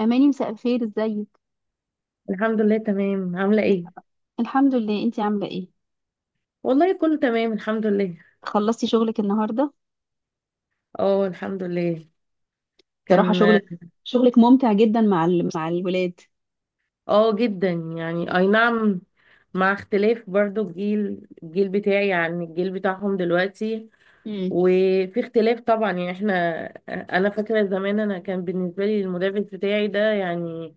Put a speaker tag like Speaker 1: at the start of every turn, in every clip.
Speaker 1: أماني مساء الخير ازيك.
Speaker 2: الحمد لله، تمام. عاملة ايه؟
Speaker 1: الحمد لله، انتي عاملة ايه؟
Speaker 2: والله كله تمام الحمد لله.
Speaker 1: خلصتي شغلك النهاردة؟
Speaker 2: اه الحمد لله.
Speaker 1: بصراحة
Speaker 2: كان
Speaker 1: شغلك شغلك ممتع جدا مع الولاد.
Speaker 2: اه جدا. يعني اي نعم. مع اختلاف برضو الجيل بتاعي عن الجيل بتاعهم دلوقتي.
Speaker 1: امم
Speaker 2: وفي اختلاف طبعا يعني احنا. انا فاكرة زمان كان بالنسبة لي المدرس بتاعي ده يعني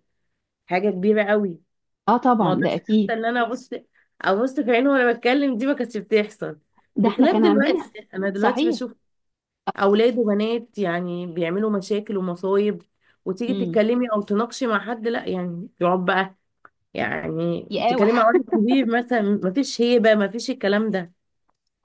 Speaker 2: حاجة كبيرة قوي.
Speaker 1: اه
Speaker 2: ما
Speaker 1: طبعا ده
Speaker 2: قدرتش حتى
Speaker 1: اكيد.
Speaker 2: ان انا ابص في عينه وانا بتكلم، دي ما كانتش بتحصل.
Speaker 1: ده احنا
Speaker 2: بخلاف
Speaker 1: كان عندنا.
Speaker 2: دلوقتي، انا دلوقتي
Speaker 1: صحيح.
Speaker 2: بشوف اولاد وبنات يعني بيعملوا مشاكل ومصايب، وتيجي
Speaker 1: امم
Speaker 2: تتكلمي او تناقشي مع حد لا يعني يقعد بقى. يعني
Speaker 1: يا
Speaker 2: بتتكلمي مع واحد كبير مثلا، مفيش هيبه، مفيش الكلام ده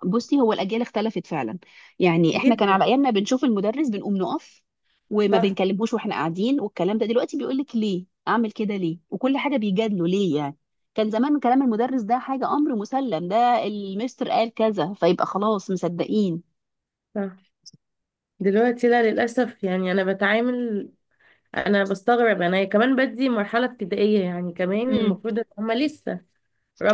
Speaker 1: بصي، هو الاجيال اختلفت فعلا. يعني احنا كان على
Speaker 2: جدا.
Speaker 1: ايامنا بنشوف المدرس بنقوم نقف، وما
Speaker 2: صح.
Speaker 1: بنكلموش واحنا قاعدين. والكلام ده دلوقتي بيقول لك ليه، اعمل كده ليه، وكل حاجه بيجادله ليه يعني. كان زمان كلام المدرس ده حاجه، امر مسلم، ده المستر قال كذا فيبقى خلاص مصدقين.
Speaker 2: صح. دلوقتي لا، للاسف. يعني انا بتعامل، انا بستغرب، انا كمان بدي مرحله ابتدائيه. يعني كمان
Speaker 1: امم
Speaker 2: المفروض ان هما لسه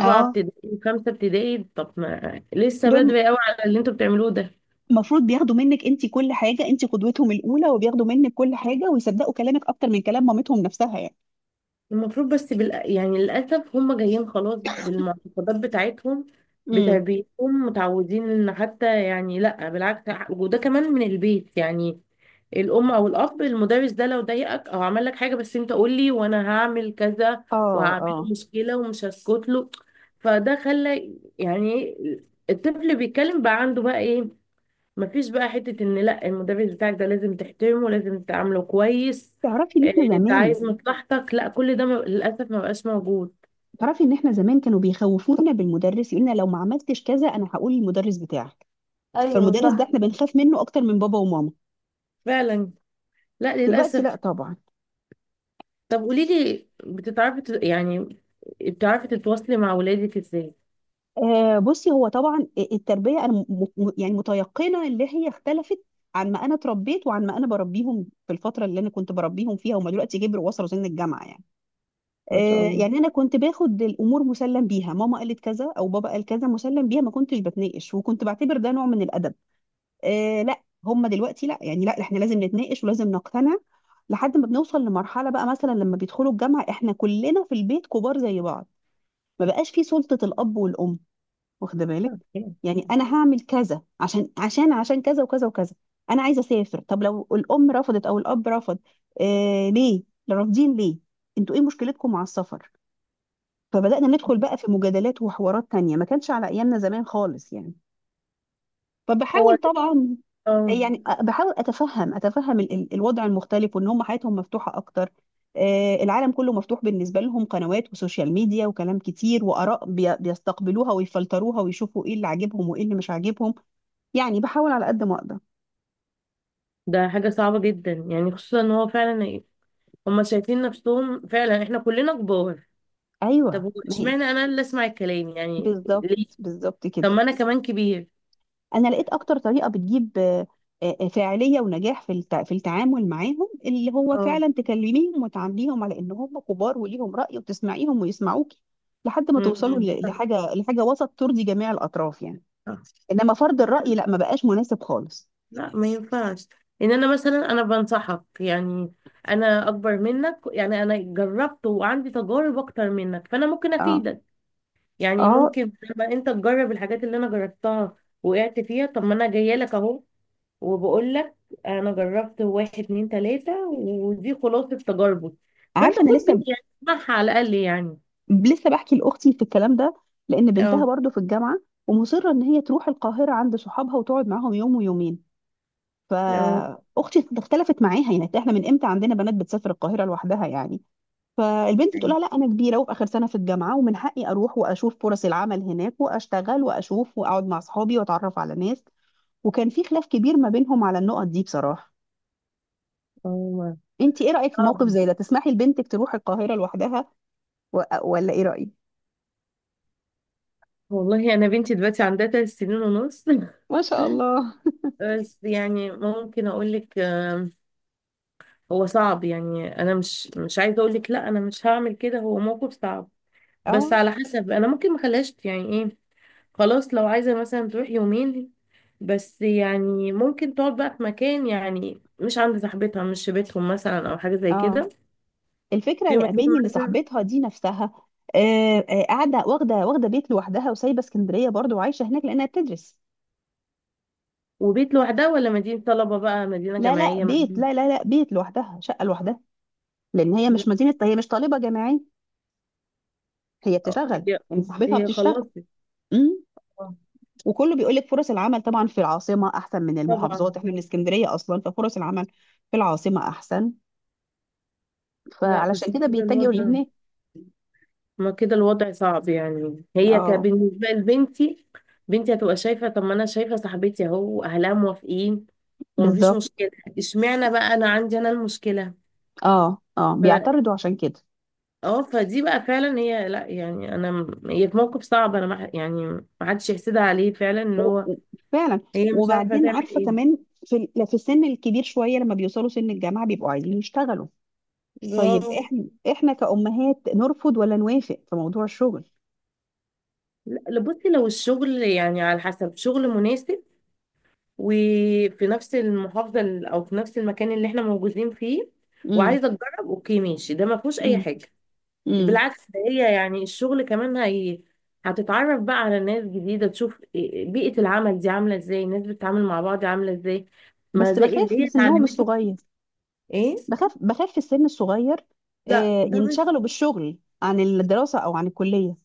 Speaker 1: اه
Speaker 2: ابتدائي وخمسه ابتدائي. طب ما لسه
Speaker 1: دول
Speaker 2: بدري قوي على اللي انتوا بتعملوه ده.
Speaker 1: المفروض بياخدوا منك انت كل حاجه، انت قدوتهم الاولى وبياخدوا منك كل حاجه ويصدقوا كلامك اكتر من كلام مامتهم نفسها يعني.
Speaker 2: المفروض، يعني للأسف هم جايين خلاص بالمعتقدات بتاعتهم،
Speaker 1: امم
Speaker 2: بتربيتهم، متعودين ان حتى يعني لا بالعكس، وده كمان من البيت. يعني الأم أو الأب: المدرس ده لو ضايقك أو عمل لك حاجة، بس أنت قول لي وأنا هعمل كذا
Speaker 1: اه
Speaker 2: وهعمله
Speaker 1: اه.
Speaker 2: مشكلة ومش هسكت له. فده خلى يعني الطفل بيتكلم بقى عنده بقى إيه، مفيش بقى حتة ان لا المدرس بتاعك ده لازم تحترمه، لازم تعامله كويس،
Speaker 1: تعرفي ان احنا
Speaker 2: انت
Speaker 1: زمان
Speaker 2: عايز مصلحتك. لا، كل ده للأسف ما بقاش موجود.
Speaker 1: تعرفي ان احنا زمان كانوا بيخوفونا بالمدرس، يقولنا لو ما عملتش كذا انا هقول المدرس بتاعك.
Speaker 2: ايوه
Speaker 1: فالمدرس ده
Speaker 2: صح.
Speaker 1: احنا بنخاف منه اكتر من بابا وماما.
Speaker 2: فعلا. لا
Speaker 1: دلوقتي لا
Speaker 2: للأسف.
Speaker 1: طبعا.
Speaker 2: طب قولي لي، يعني بتعرفي تتواصلي مع ولادك ازاي؟
Speaker 1: آه بصي، هو طبعا التربيه انا يعني متيقنه اللي هي اختلفت، عن ما انا اتربيت وعن ما انا بربيهم. في الفتره اللي انا كنت بربيهم فيها هم دلوقتي كبروا وصلوا سن الجامعه يعني.
Speaker 2: ما شاء
Speaker 1: آه
Speaker 2: الله.
Speaker 1: يعني انا كنت باخد الامور مسلم بيها، ماما قالت كذا او بابا قال كذا مسلم بيها، ما كنتش بتناقش وكنت بعتبر ده نوع من الادب. آه لا، هم دلوقتي لا يعني، لا احنا لازم نتناقش ولازم نقتنع. لحد ما بنوصل لمرحله بقى، مثلا لما بيدخلوا الجامعه احنا كلنا في البيت كبار زي بعض. ما بقاش في سلطه الاب والام، واخده بالك؟ يعني انا هعمل كذا عشان عشان كذا وكذا وكذا. انا عايزه اسافر، طب لو الام رفضت او الاب رفض، آه ليه؟ رافضين ليه؟ انتوا ايه مشكلتكم مع السفر؟ فبدانا ندخل بقى في مجادلات وحوارات تانية ما كانش على ايامنا زمان خالص يعني.
Speaker 2: هو
Speaker 1: فبحاول
Speaker 2: ده.
Speaker 1: طبعا،
Speaker 2: اه،
Speaker 1: يعني بحاول اتفهم الوضع المختلف، وان هم حياتهم مفتوحه اكتر. آه، العالم كله مفتوح بالنسبه لهم، قنوات وسوشيال ميديا وكلام كتير واراء بيستقبلوها ويفلتروها ويشوفوا ايه اللي عاجبهم وايه اللي مش عاجبهم. يعني بحاول على قد ما اقدر.
Speaker 2: ده حاجة صعبة جدا. يعني خصوصا ان هو فعلا ايه، هما شايفين نفسهم فعلا احنا كلنا كبار. طب
Speaker 1: ايوه
Speaker 2: هو
Speaker 1: ما هي،
Speaker 2: اشمعنى انا اللي اسمع الكلام يعني؟
Speaker 1: بالظبط،
Speaker 2: ليه؟
Speaker 1: بالظبط كده.
Speaker 2: طب ما انا كمان كبير.
Speaker 1: انا لقيت اكتر طريقه بتجيب فاعليه ونجاح في في التعامل معاهم، اللي هو
Speaker 2: اه.
Speaker 1: فعلا تكلميهم وتعامليهم على ان هم كبار وليهم راي وتسمعيهم ويسمعوكي. لحد ما
Speaker 2: مم.
Speaker 1: توصلوا
Speaker 2: صح.
Speaker 1: لحاجه، لحاجه وسط ترضي جميع الاطراف يعني.
Speaker 2: صح.
Speaker 1: انما فرض الراي لا، ما بقاش مناسب خالص.
Speaker 2: لا ما ينفعش. ان انا مثلا انا بنصحك يعني، انا اكبر منك، يعني انا جربت وعندي تجارب اكتر منك، فانا ممكن
Speaker 1: اه
Speaker 2: افيدك. يعني
Speaker 1: اه.
Speaker 2: ممكن لما انت تجرب الحاجات اللي انا جربتها، وقعت فيها، طب ما انا جايه لك اهو وبقول لك انا جربت واحد اتنين تلاته، ودي خلاصه تجاربه، فانت
Speaker 1: عارفه انا
Speaker 2: خد بيه
Speaker 1: لسه،
Speaker 2: يعني، اسمعها على الاقل يعني.
Speaker 1: لسه بحكي لاختي في الكلام ده، لان بنتها
Speaker 2: اه.
Speaker 1: برضو في الجامعه، ومصره ان هي تروح القاهره عند صحابها وتقعد معاهم يوم ويومين.
Speaker 2: اه.
Speaker 1: فاختي اختلفت معاها، يعني احنا من امتى عندنا بنات بتسافر القاهره لوحدها يعني؟ فالبنت بتقول
Speaker 2: أيوة.
Speaker 1: لها لا، انا كبيره وفي اخر سنه في الجامعه، ومن حقي اروح واشوف فرص العمل هناك واشتغل واشوف واقعد مع اصحابي واتعرف على ناس. وكان في خلاف كبير ما بينهم على النقط دي بصراحه. انت ايه رايك في موقف
Speaker 2: اه.
Speaker 1: زي ده؟ تسمحي لبنتك تروح القاهره لوحدها ولا ايه رايك؟
Speaker 2: والله انا بنتي دلوقتي عندها 3 سنين ونص
Speaker 1: ما شاء الله.
Speaker 2: بس يعني ممكن اقول لك، هو صعب يعني، انا مش عايزه اقول لك لا انا مش هعمل كده، هو موقف صعب. بس
Speaker 1: اه
Speaker 2: على حسب، انا ممكن ما اخليهاش يعني ايه، خلاص لو عايزه مثلا تروح يومين، بس يعني ممكن تقعد بقى في مكان، يعني مش عند صاحبتها، مش في بيتهم مثلا، او حاجه زي
Speaker 1: اه.
Speaker 2: كده.
Speaker 1: الفكره
Speaker 2: في
Speaker 1: يا
Speaker 2: مكان
Speaker 1: اماني ان
Speaker 2: مثلا.
Speaker 1: صاحبتها دي نفسها آه، آه، قاعده واخده بيت لوحدها، وسايبه اسكندريه برضو وعايشه هناك لانها بتدرس.
Speaker 2: وبيت لوحدها ولا مدينه طلبه، بقى مدينه
Speaker 1: لا لا
Speaker 2: جامعيه مع
Speaker 1: بيت
Speaker 2: مين؟
Speaker 1: لا لا لا بيت لوحدها، شقه لوحدها. لان هي
Speaker 2: لا،
Speaker 1: مش مدينه، هي مش طالبه جامعيه، هي بتشتغل.
Speaker 2: هي
Speaker 1: يعني صاحبتها
Speaker 2: هي
Speaker 1: بتشتغل.
Speaker 2: خلصت.
Speaker 1: امم
Speaker 2: آه،
Speaker 1: وكله بيقول لك فرص العمل طبعا في العاصمه احسن من
Speaker 2: طبعا.
Speaker 1: المحافظات. احنا من اسكندريه اصلا، ففرص العمل في العاصمه احسن،
Speaker 2: لا
Speaker 1: فعلشان
Speaker 2: بس
Speaker 1: كده
Speaker 2: كده
Speaker 1: بيتجهوا
Speaker 2: الوضع،
Speaker 1: لهناك.
Speaker 2: ما كده الوضع صعب. يعني هي
Speaker 1: اه
Speaker 2: بالنسبة لبنتي، بنتي هتبقى شايفة طب ما أنا شايفة صاحبتي أهو أهلها موافقين ومفيش
Speaker 1: بالظبط.
Speaker 2: مشكلة، اشمعنى بقى أنا عندي أنا المشكلة؟
Speaker 1: اه اه
Speaker 2: ف...
Speaker 1: بيعترضوا عشان كده.
Speaker 2: اه، فدي بقى فعلا هي لا يعني، أنا هي في موقف صعب، أنا ما... يعني ما حدش يحسدها عليه فعلا، إن
Speaker 1: و-
Speaker 2: هو
Speaker 1: و- فعلا.
Speaker 2: هي مش عارفة
Speaker 1: وبعدين
Speaker 2: تعمل
Speaker 1: عارفه
Speaker 2: إيه.
Speaker 1: كمان، في في السن الكبير شويه، لما بيوصلوا سن الجامعه بيبقوا عايزين يشتغلوا. طيب
Speaker 2: برافو.
Speaker 1: احنا، احنا كأمهات نرفض ولا نوافق في موضوع الشغل؟
Speaker 2: لا لا، بصي، لو الشغل يعني على حسب، شغل مناسب وفي نفس المحافظة أو في نفس المكان اللي احنا موجودين فيه
Speaker 1: امم
Speaker 2: وعايزة تجرب، أوكي ماشي، ده ما فيهوش أي
Speaker 1: امم
Speaker 2: حاجة.
Speaker 1: امم
Speaker 2: بالعكس، ده هي يعني الشغل كمان هي هتتعرف بقى على ناس جديدة، بيئة العمل دي عاملة ازاي، الناس بتتعامل مع بعض عاملة ازاي، ما
Speaker 1: بس
Speaker 2: زي اللي
Speaker 1: بخاف من
Speaker 2: هي
Speaker 1: سنهم
Speaker 2: اتعلمته.
Speaker 1: الصغير.
Speaker 2: ايه.
Speaker 1: بخاف في السن الصغير،
Speaker 2: لا
Speaker 1: آه
Speaker 2: ده مش،
Speaker 1: ينشغلوا بالشغل عن الدراسة او عن الكلية.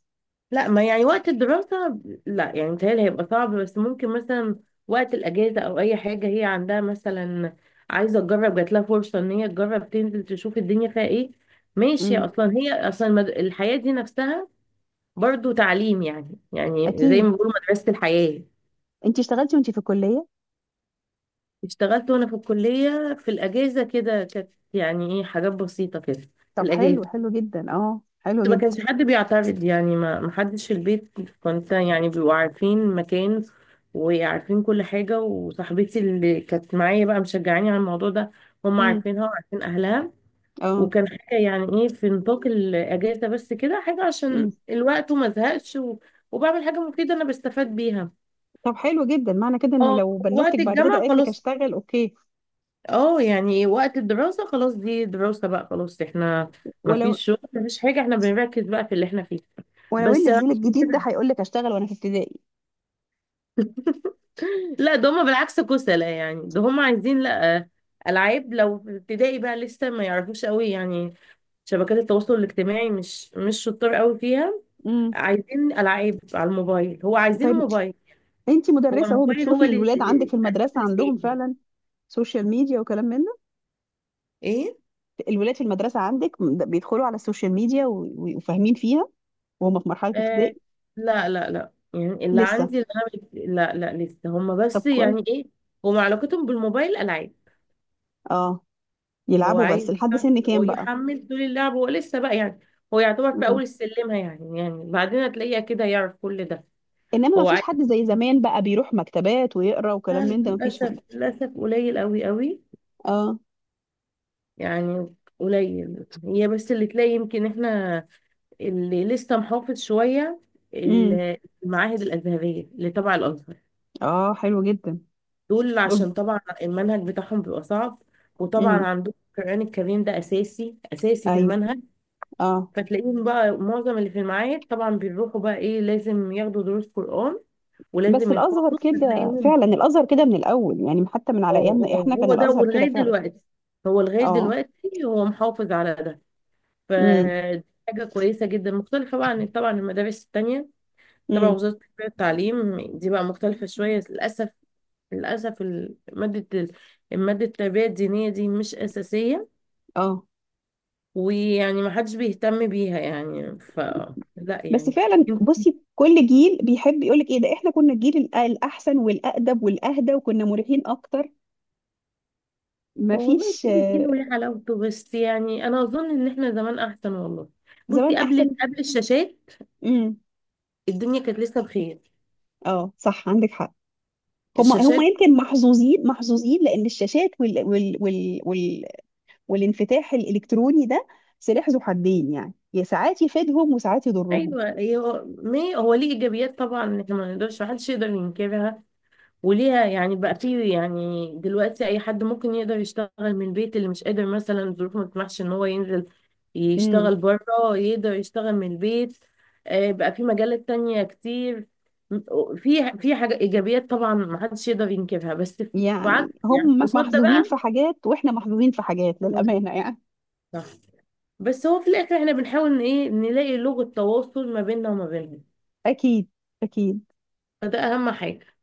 Speaker 2: لا ما يعني وقت الدراسة، لا يعني متهيألي هيبقى صعب. بس ممكن مثلا وقت الأجازة أو أي حاجة هي عندها مثلا، عايزة تجرب، جات لها فرصة إن هي تجرب تنزل تشوف الدنيا فيها إيه، ماشي.
Speaker 1: امم
Speaker 2: أصلا هي أصلا الحياة دي نفسها برضو تعليم، يعني يعني زي
Speaker 1: اكيد.
Speaker 2: ما بيقولوا مدرسة الحياة.
Speaker 1: انت اشتغلتي وانت في الكلية؟
Speaker 2: اشتغلت وأنا في الكلية، في الأجازة كده، كانت يعني إيه حاجات بسيطة كده في
Speaker 1: طب
Speaker 2: الأجازة.
Speaker 1: حلو، حلو جدا، اه حلو
Speaker 2: ما
Speaker 1: جدا.
Speaker 2: كانش حد بيعترض يعني، ما حدش في البيت، كنت يعني بيبقوا عارفين مكان وعارفين كل حاجة، وصاحبتي اللي كانت معايا بقى مشجعاني على الموضوع ده، هم
Speaker 1: امم
Speaker 2: عارفينها وعارفين أهلها.
Speaker 1: اه.
Speaker 2: وكان حاجة يعني إيه في نطاق الأجازة بس كده، حاجة
Speaker 1: امم
Speaker 2: عشان الوقت وما أزهقش وبعمل حاجة مفيدة أنا بستفاد بيها.
Speaker 1: طب حلو جدا. معنى كده ان
Speaker 2: اه.
Speaker 1: لو بنوتك
Speaker 2: وقت
Speaker 1: بعد كده
Speaker 2: الجامعة
Speaker 1: قالت لك
Speaker 2: خلاص.
Speaker 1: اشتغل، اوكي.
Speaker 2: اه يعني وقت الدراسة خلاص، دي دراسة بقى، خلاص احنا ما
Speaker 1: ولو
Speaker 2: فيش شغل ما فيش حاجة، احنا بنركز بقى في اللي احنا فيه.
Speaker 1: ولو ان
Speaker 2: بس.
Speaker 1: الجيل الجديد ده هيقول لك اشتغل وانا في ابتدائي.
Speaker 2: لا، ده هما بالعكس كسلة، يعني ده هما عايزين، لا، ألعاب. لو في ابتدائي بقى لسه ما يعرفوش قوي يعني شبكات التواصل الاجتماعي، مش شطار قوي فيها،
Speaker 1: امم
Speaker 2: عايزين ألعاب على الموبايل. هو عايزين
Speaker 1: طيب
Speaker 2: الموبايل.
Speaker 1: انت
Speaker 2: هو
Speaker 1: مدرسه اهو،
Speaker 2: الموبايل هو
Speaker 1: بتشوفي الولاد عندك في
Speaker 2: للأسف
Speaker 1: المدرسه
Speaker 2: اللي
Speaker 1: عندهم
Speaker 2: سايقهم.
Speaker 1: فعلا سوشيال ميديا وكلام من
Speaker 2: ايه.
Speaker 1: ده؟ الولاد في المدرسه عندك بيدخلوا على السوشيال ميديا وفاهمين فيها، وهم في مرحله
Speaker 2: آه
Speaker 1: ابتدائي؟
Speaker 2: لا لا لا، يعني اللي
Speaker 1: لسه.
Speaker 2: عندي، لا لا لسه هما،
Speaker 1: طب
Speaker 2: بس
Speaker 1: كويس.
Speaker 2: يعني إيه، هما علاقتهم بالموبايل ألعاب.
Speaker 1: اه
Speaker 2: هو
Speaker 1: يلعبوا،
Speaker 2: عايز،
Speaker 1: بس لحد سن
Speaker 2: هو
Speaker 1: كام بقى؟
Speaker 2: يحمل طول اللعب. هو لسه بقى يعني، هو يعتبر في
Speaker 1: مم.
Speaker 2: اول السلمه يعني، يعني بعدين هتلاقيه كده يعرف كل ده.
Speaker 1: انما ما
Speaker 2: هو
Speaker 1: فيش حد زي زمان بقى بيروح مكتبات ويقرا وكلام
Speaker 2: عايز،
Speaker 1: من ده، ما فيش
Speaker 2: للاسف،
Speaker 1: حد.
Speaker 2: للاسف قليل قوي قوي.
Speaker 1: اه.
Speaker 2: يعني قليل، هي بس اللي تلاقي يمكن احنا اللي لسه محافظ شويه،
Speaker 1: امم
Speaker 2: ال- المعاهد الازهريه اللي تبع الازهر.
Speaker 1: اه حلو جدا.
Speaker 2: دول
Speaker 1: دول.
Speaker 2: عشان طبعا المنهج بتاعهم بيبقى صعب، وطبعا
Speaker 1: امم
Speaker 2: عندهم القران الكريم ده اساسي في
Speaker 1: ايوه.
Speaker 2: المنهج،
Speaker 1: اه.
Speaker 2: فتلاقيهم بقى معظم اللي في المعاهد طبعا بيروحوا بقى ايه، لازم ياخدوا دروس قرآن
Speaker 1: بس
Speaker 2: ولازم
Speaker 1: الازهر
Speaker 2: يحفظوا،
Speaker 1: كده
Speaker 2: فتلاقيهم.
Speaker 1: فعلا، الازهر كده من الاول يعني، حتى من على
Speaker 2: اه.
Speaker 1: ايامنا
Speaker 2: اه
Speaker 1: احنا كان
Speaker 2: هو ده،
Speaker 1: الازهر كده
Speaker 2: ولغاية
Speaker 1: فعلا.
Speaker 2: دلوقتي هو لغاية
Speaker 1: اه.
Speaker 2: دلوقتي هو محافظ على ده. فدي حاجة كويسة جدا، مختلفة بقى عن طبعا المدارس التانية تبع
Speaker 1: امم
Speaker 2: وزارة التربية والتعليم، دي بقى مختلفة شوية للأسف. للأسف المادة التربية الدينية دي مش أساسية،
Speaker 1: اه.
Speaker 2: ويعني ما حدش بيهتم بيها يعني ف، لا
Speaker 1: بس
Speaker 2: يعني.
Speaker 1: فعلا بصي، كل جيل بيحب يقولك ايه، ده احنا كنا الجيل الاحسن والأقدم والأهدى، وكنا مريحين اكتر.
Speaker 2: هو والله
Speaker 1: مفيش
Speaker 2: كل جيل
Speaker 1: آه،.
Speaker 2: وليه حلاوته، بس يعني انا اظن ان احنا زمان احسن والله.
Speaker 1: زمان
Speaker 2: بصي،
Speaker 1: احسن.
Speaker 2: قبل قبل الشاشات
Speaker 1: امم
Speaker 2: الدنيا كانت لسه بخير.
Speaker 1: اه صح، عندك حق. هم، هم
Speaker 2: الشاشات،
Speaker 1: يمكن محظوظين، محظوظين لان الشاشات وال والانفتاح الالكتروني ده سلاح ذو حدين يعني، يا ساعات يفيدهم وساعات يضرهم.
Speaker 2: ايوه. هي هو ما هي- هو ليه ايجابيات طبعا، احنا ما نقدرش، محدش يقدر ينكرها، وليها يعني بقى في، يعني دلوقتي اي حد ممكن يقدر يشتغل من البيت، اللي مش قادر مثلا الظروف ما تسمحش ان هو ينزل
Speaker 1: امم
Speaker 2: يشتغل بره، يقدر يشتغل من البيت. بقى في مجالات تانية كتير، في في حاجة، ايجابيات طبعا ما حدش يقدر ينكرها، بس في عكس
Speaker 1: يعني
Speaker 2: يعني
Speaker 1: هم
Speaker 2: قصاد ده
Speaker 1: محظوظين
Speaker 2: بقى.
Speaker 1: في حاجات واحنا محظوظين في حاجات للأمانة يعني.
Speaker 2: صح. بس هو في الاخر احنا بنحاول ان ايه نلاقي لغة تواصل ما بيننا وما بينهم،
Speaker 1: اكيد اكيد.
Speaker 2: فده اهم حاجة.